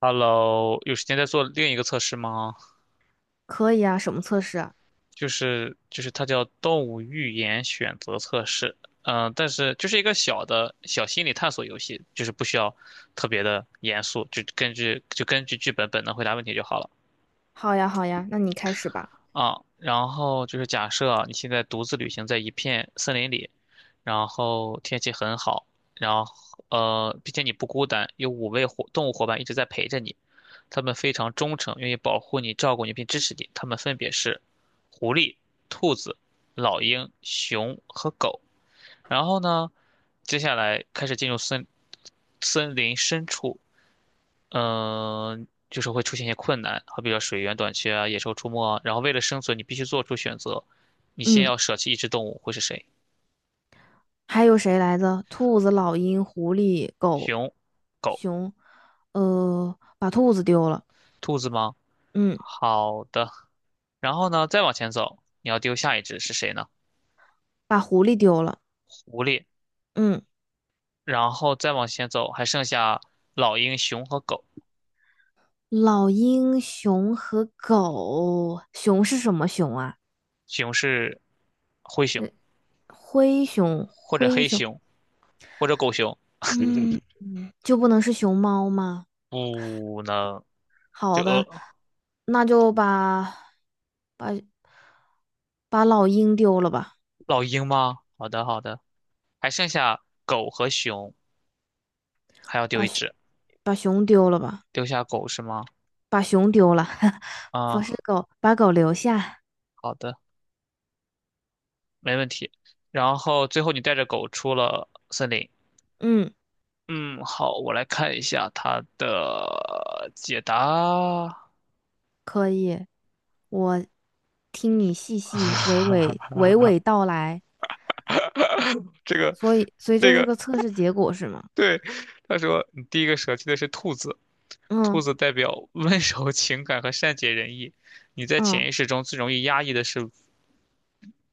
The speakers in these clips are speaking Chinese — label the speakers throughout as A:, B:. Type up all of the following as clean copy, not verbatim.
A: Hello，有时间再做另一个测试吗？
B: 可以啊，什么测试啊？
A: 就是它叫动物预言选择测试，但是就是一个小心理探索游戏，就是不需要特别的严肃，就根据剧本本能回答问题就好了。
B: 好呀，好呀，那你开始吧。
A: 啊，然后就是假设你现在独自旅行在一片森林里，然后天气很好，然后并且你不孤单，有5位动物伙伴一直在陪着你，他们非常忠诚，愿意保护你、照顾你并支持你。他们分别是狐狸、兔子、老鹰、熊和狗。然后呢，接下来开始进入森林深处，就是会出现一些困难，好比说水源短缺啊，野兽出没啊。然后为了生存，你必须做出选择，你先
B: 嗯，
A: 要舍弃一只动物，会是谁？
B: 还有谁来着？兔子、老鹰、狐狸、狗、
A: 熊、狗、
B: 熊。把兔子丢了。
A: 兔子吗？
B: 嗯，
A: 好的，然后呢，再往前走，你要丢下一只是谁呢？
B: 把狐狸丢了。
A: 狐狸。
B: 嗯，
A: 然后再往前走，还剩下老鹰、熊和狗。
B: 老鹰、熊和狗。熊是什么熊啊？
A: 熊是灰熊，
B: 呃灰熊，
A: 或者
B: 灰
A: 黑
B: 熊。
A: 熊，或者狗熊。
B: 嗯，就不能是熊猫吗？
A: 不能，这
B: 好
A: 呃，
B: 的，那就把把老鹰丢了吧。
A: 老鹰吗？好的，好的，还剩下狗和熊。还要丢
B: 把
A: 一
B: 熊
A: 只，
B: 把熊丢了吧，
A: 丢下狗是吗？
B: 把熊丢了，不
A: 啊，
B: 是狗，把狗留下。
A: 好的，没问题。然后最后你带着狗出了森林。
B: 嗯，
A: 嗯，好，我来看一下它的解答。
B: 可以，我听你细细娓娓娓 娓道来，
A: 这个，
B: 所以
A: 这
B: 这是
A: 个，
B: 个测试结果是吗？
A: 对，他说你第一个舍弃的是兔子，兔
B: 嗯
A: 子代表温 柔、情感和善解人意。你在
B: 嗯
A: 潜意识中最容易压抑的是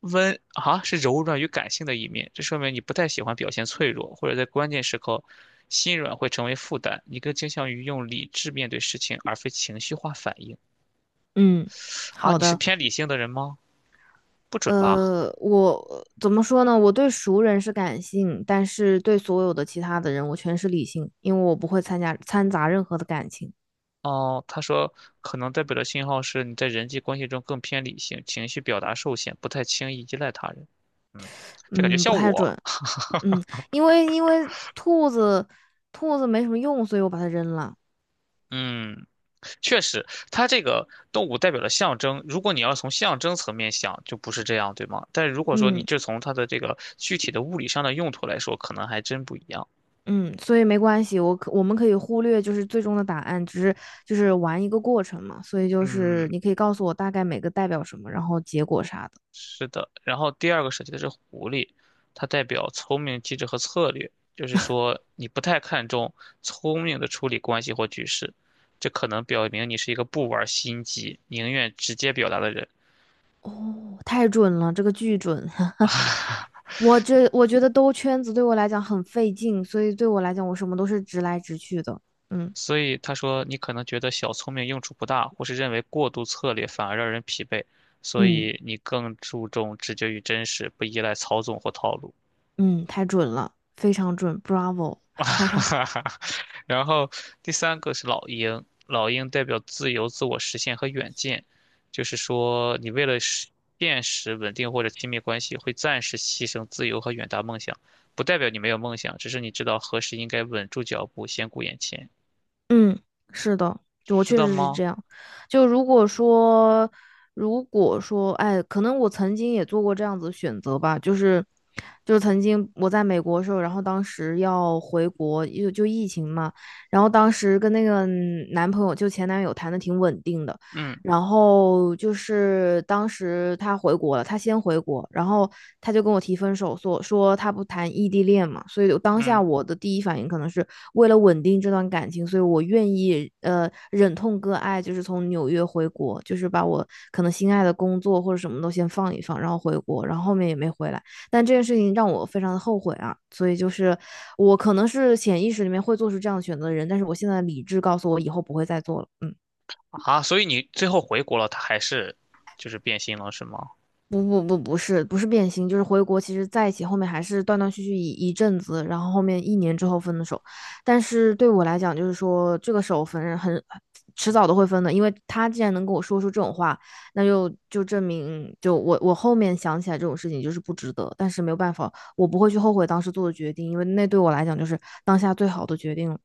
A: 是柔软与感性的一面，这说明你不太喜欢表现脆弱，或者在关键时刻心软会成为负担。你更倾向于用理智面对事情，而非情绪化反应。
B: 嗯，
A: 啊，
B: 好
A: 你是
B: 的。
A: 偏理性的人吗？不准吧？
B: 我怎么说呢？我对熟人是感性，但是对所有的其他的人，我全是理性，因为我不会参加掺杂任何的感情。
A: 哦，他说可能代表的信号是你在人际关系中更偏理性，情绪表达受限，不太轻易依赖他人。嗯，这感觉
B: 嗯，不
A: 像
B: 太
A: 我。
B: 准。嗯，因为兔子没什么用，所以我把它扔了。
A: 嗯。确实，它这个动物代表了象征。如果你要从象征层面想，就不是这样，对吗？但如果说你
B: 嗯
A: 就从它的这个具体的物理上的用途来说，可能还真不一样。
B: 嗯，所以没关系，我们可以忽略就是最终的答案，只是就是玩一个过程嘛。所以就是
A: 嗯，
B: 你可以告诉我大概每个代表什么，然后结果啥的。
A: 是的。然后第二个设计的是狐狸，它代表聪明、机智和策略，就是说你不太看重聪明的处理关系或局势，这可能表明你是一个不玩心机、宁愿直接表达的人。
B: 哦，太准了，这个巨准。我觉得兜圈子对我来讲很费劲，所以对我来讲我什么都是直来直去的。嗯
A: 所以他说，你可能觉得小聪明用处不大，或是认为过度策略反而让人疲惫，所
B: 嗯
A: 以你更注重直觉与真实，不依赖操纵或套路。
B: 嗯，太准了，非常准，Bravo。
A: 然后第三个是老鹰，老鹰代表自由、自我实现和远见，就是说你为了现实、稳定或者亲密关系，会暂时牺牲自由和远大梦想，不代表你没有梦想，只是你知道何时应该稳住脚步，先顾眼前，
B: 嗯，是的，就我
A: 是
B: 确
A: 的
B: 实是
A: 吗？
B: 这样。就如果说，如果说，哎，可能我曾经也做过这样子的选择吧，就是，就是曾经我在美国的时候，然后当时要回国，就疫情嘛，然后当时跟那个男朋友，就前男友谈的挺稳定的，
A: 嗯
B: 然后就是当时他回国了，他先回国，然后他就跟我提分手，说他不谈异地恋嘛，所以我当下
A: 嗯。
B: 我的第一反应可能是为了稳定这段感情，所以我愿意忍痛割爱，就是从纽约回国，就是把我可能心爱的工作或者什么都先放一放，然后回国，然后后面也没回来。但这件事情让我非常的后悔啊，所以就是我可能是潜意识里面会做出这样的选择的人，但是我现在理智告诉我以后不会再做了，嗯。
A: 啊，所以你最后回国了，他还是就是变心了，是吗？
B: 不不不，不是不是变心，就是回国。其实在一起后面还是断断续续一阵子，然后后面一年之后分的手。但是对我来讲，就是说这个手分很迟早都会分的，因为他既然能跟我说出这种话，那就证明就我后面想起来这种事情就是不值得。但是没有办法，我不会去后悔当时做的决定，因为那对我来讲就是当下最好的决定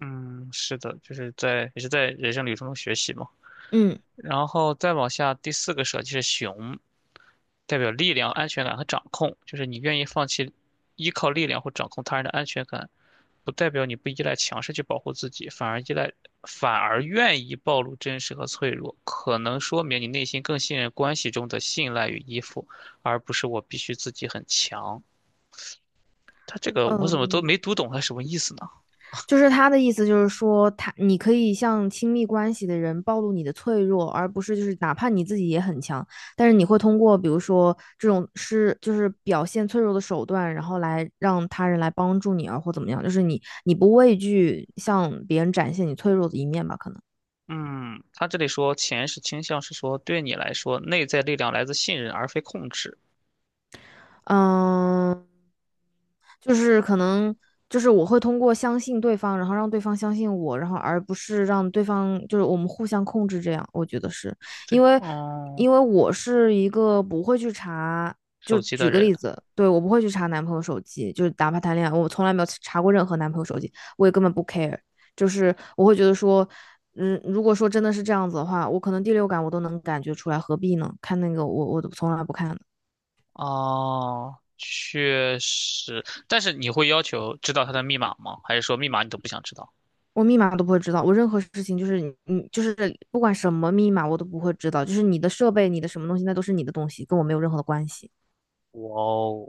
A: 嗯，是的，就是也是在人生旅程中学习嘛。
B: 嗯。
A: 然后再往下，第四个舍弃是熊，代表力量、安全感和掌控，就是你愿意放弃依靠力量或掌控他人的安全感，不代表你不依赖强势去保护自己，反而愿意暴露真实和脆弱，可能说明你内心更信任关系中的信赖与依附，而不是我必须自己很强。他这个我怎么
B: 嗯，
A: 都没读懂他什么意思呢？
B: 就是他的意思，就是说他你可以向亲密关系的人暴露你的脆弱，而不是就是哪怕你自己也很强，但是你会通过比如说这种是就是表现脆弱的手段，然后来让他人来帮助你啊，或怎么样，就是你不畏惧向别人展现你脆弱的一面吧，可能，
A: 嗯，他这里说钱是倾向是说对你来说，内在力量来自信任而非控制。
B: 嗯。就是可能就是我会通过相信对方，然后让对方相信我，然后而不是让对方就是我们互相控制这样，我觉得是
A: 最
B: 因
A: 后，
B: 为
A: 嗯，
B: 因为我是一个不会去查，就
A: 手机的
B: 举个
A: 人，
B: 例子，对我不会去查男朋友手机，就是哪怕谈恋爱，我从来没有查过任何男朋友手机，我也根本不 care,就是我会觉得说。嗯，如果说真的是这样子的话，我可能第六感我都能感觉出来，何必呢？看那个我从来不看的。
A: 哦，确实，但是你会要求知道他的密码吗？还是说密码你都不想知道？
B: 我密码都不会知道，我任何事情就是你就是不管什么密码我都不会知道，就是你的设备、你的什么东西，那都是你的东西，跟我没有任何的关系。
A: 哇哦，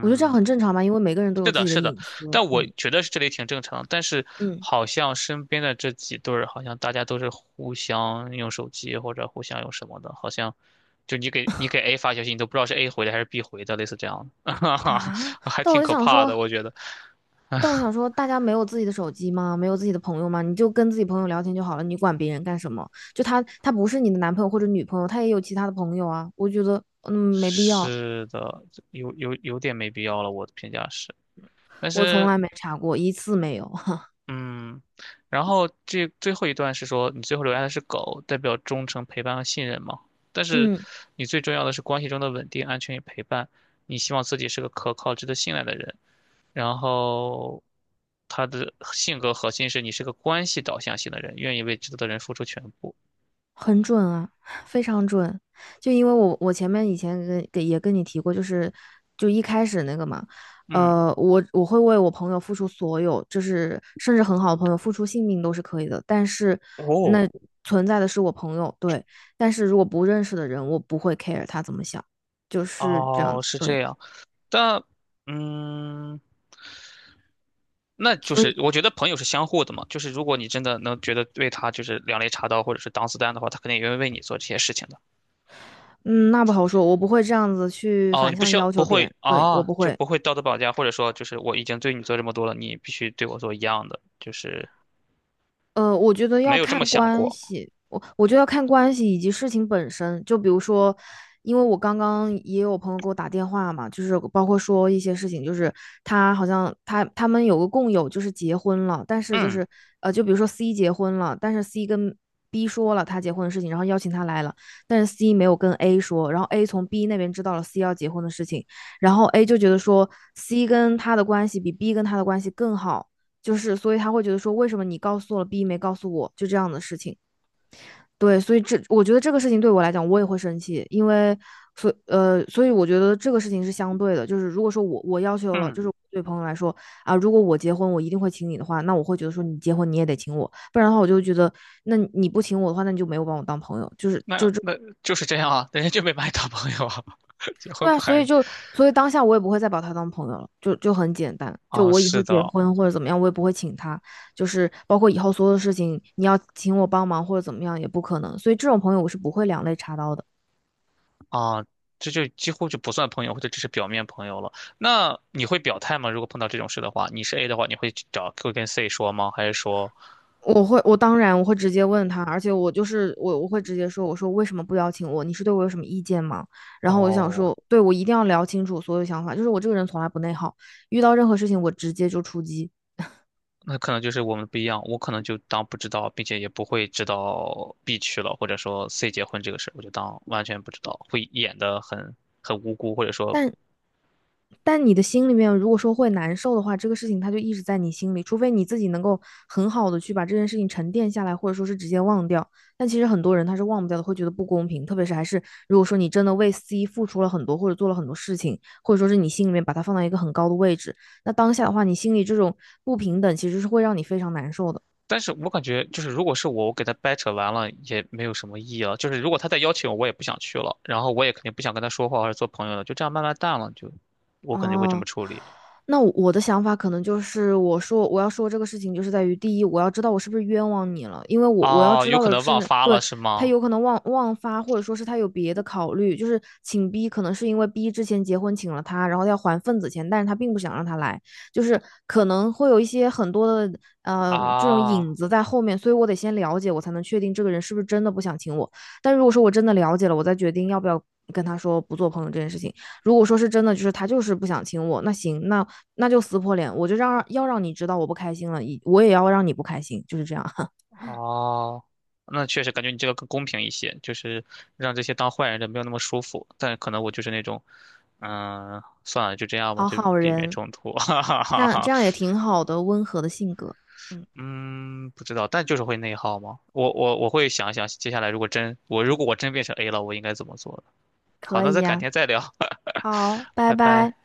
B: 我觉得这样很正常吧，因为每个人都
A: 是
B: 有自
A: 的，
B: 己的
A: 是的，
B: 隐私。
A: 但我
B: 嗯
A: 觉得是这里挺正常，但是
B: 嗯
A: 好像身边的这几对儿，好像大家都是互相用手机或者互相用什么的，好像就你给 A 发消息，你都不知道是 A 回的还是 B 回的，类似这样的，
B: 啊，
A: 还
B: 但我
A: 挺
B: 就
A: 可
B: 想
A: 怕的，
B: 说，
A: 我觉得。
B: 但我想说，大家没有自己的手机吗？没有自己的朋友吗？你就跟自己朋友聊天就好了，你管别人干什么？就他不是你的男朋友或者女朋友，他也有其他的朋友啊。我觉得没必要，
A: 是的，有点没必要了，我的评价是，但
B: 我从
A: 是
B: 来没查过一次没有。
A: 嗯，然后这最后一段是说你最后留下的是狗，代表忠诚、陪伴和信任嘛。但是
B: 嗯。
A: 你最重要的是关系中的稳定、安全与陪伴。你希望自己是个可靠、值得信赖的人。然后他的性格核心是你是个关系导向型的人，愿意为值得的人付出全部。
B: 很准啊，非常准。就因为我前面以前跟也跟你提过，就是就一开始那个嘛，
A: 嗯，
B: 我会为我朋友付出所有，就是甚至很好的朋友付出性命都是可以的，但是
A: 哦，
B: 那存在的是我朋友，对，但是如果不认识的人，我不会 care 他怎么想，就是这样
A: 哦，
B: 子，
A: 是这
B: 对，
A: 样。但嗯。那就
B: 所
A: 是
B: 以
A: 我觉得朋友是相互的嘛，就是如果你真的能觉得为他就是两肋插刀或者是挡子弹的话，他肯定也意为你做这些事情的。
B: 嗯，那不好说，我不会这样子去
A: 哦，
B: 反
A: 你不
B: 向
A: 需要
B: 要
A: 不
B: 求别人，
A: 会
B: 对，我
A: 啊，
B: 不
A: 就
B: 会。
A: 不会道德绑架，或者说就是我已经对你做这么多了，你必须对我做一样的，就是
B: 我觉得
A: 没
B: 要
A: 有这
B: 看
A: 么想
B: 关
A: 过。
B: 系，我觉得要看关系以及事情本身。就比如说，因为我刚刚也有朋友给我打电话嘛，就是包括说一些事情，就是他好像他他们有个共有，就是结婚了，但是就
A: 嗯
B: 是就比如说 C 结婚了，但是 C 跟 B 说了他结婚的事情，然后邀请他来了，但是 C 没有跟 A 说，然后 A 从 B 那边知道了 C 要结婚的事情，然后 A 就觉得说 C 跟他的关系比 B 跟他的关系更好。就是所以他会觉得说，为什么你告诉我了 B 没告诉我，就这样的事情。对，所以这我觉得这个事情对我来讲，我也会生气，因为所以我觉得这个事情是相对的，就是如果说我要求了，就
A: 嗯，
B: 是对朋友来说啊，如果我结婚我一定会请你的话，那我会觉得说你结婚你也得请我，不然的话我就觉得那你不请我的话，那你就没有把我当朋友，就是
A: 那
B: 就这
A: 那就是这样啊，人家就没把你当朋友啊，结婚
B: 对啊，
A: 不
B: 所以
A: 还
B: 当下我也不会再把他当朋友了，就很简单。就
A: 啊？
B: 我以
A: 是
B: 后结
A: 的，
B: 婚或者怎么样，我也不会请他，就是包括以后所有的事情，你要请我帮忙或者怎么样也不可能。所以这种朋友我是不会两肋插刀的。
A: 啊，这就几乎就不算朋友，或者只是表面朋友了。那你会表态吗？如果碰到这种事的话，你是 A 的话，你会去找会跟 C 说吗？还是说，
B: 我会，我当然我会直接问他，而且我会直接说，我说为什么不邀请我？你是对我有什么意见吗？然后我就想
A: 哦，
B: 说，对我一定要聊清楚所有想法，就是我这个人从来不内耗，遇到任何事情我直接就出击。
A: 那可能就是我们不一样，我可能就当不知道，并且也不会知道 B 去了，或者说 C 结婚这个事儿我就当完全不知道，会演的很无辜，或者说
B: 但但你的心里面如果说会难受的话，这个事情它就一直在你心里，除非你自己能够很好的去把这件事情沉淀下来，或者说是直接忘掉。但其实很多人他是忘不掉的，会觉得不公平，特别是还是如果说你真的为 C 付出了很多，或者做了很多事情，或者说是你心里面把它放到一个很高的位置，那当下的话，你心里这种不平等其实是会让你非常难受的。
A: 但是我感觉就是，如果是我，我给他掰扯完了也没有什么意义了。就是如果他再邀请我，我也不想去了，然后我也肯定不想跟他说话或者做朋友了，就这样慢慢淡了，就我可能就会这么
B: 哦，
A: 处理。
B: 那我的想法可能就是，我说我要说这个事情，就是在于第一，我要知道我是不是冤枉你了，因为我要
A: 哦，
B: 知
A: 有
B: 道
A: 可
B: 的
A: 能忘
B: 是，
A: 发了
B: 对，
A: 是
B: 他
A: 吗？
B: 有可能忘发，或者说是他有别的考虑，就是请 B 可能是因为 B 之前结婚请了他，然后要还份子钱，但是他并不想让他来，就是可能会有一些很多的这种
A: 啊，
B: 影子在后面，所以我得先了解，我才能确定这个人是不是真的不想请我。但如果说我真的了解了，我再决定要不要跟他说不做朋友这件事情。如果说是真的，就是他就是不想亲我，那行，那就撕破脸，我就要让你知道我不开心了，我也要让你不开心，就是这样。
A: 哦，那确实感觉你这个更公平一些，就是让这些当坏人的没有那么舒服。但可能我就是那种，算了，就这样吧，
B: 好
A: 就
B: 好
A: 避免
B: 人，
A: 冲突。哈哈
B: 这
A: 哈
B: 样
A: 哈，
B: 这样也挺好的，温和的性格，嗯，
A: 嗯，不知道，但就是会内耗吗？我会想一想，接下来如果我真变成 A 了，我应该怎么做的。好，
B: 可
A: 那
B: 以
A: 咱改
B: 呀、
A: 天再聊，
B: 啊好，拜
A: 拜
B: 拜。
A: 拜。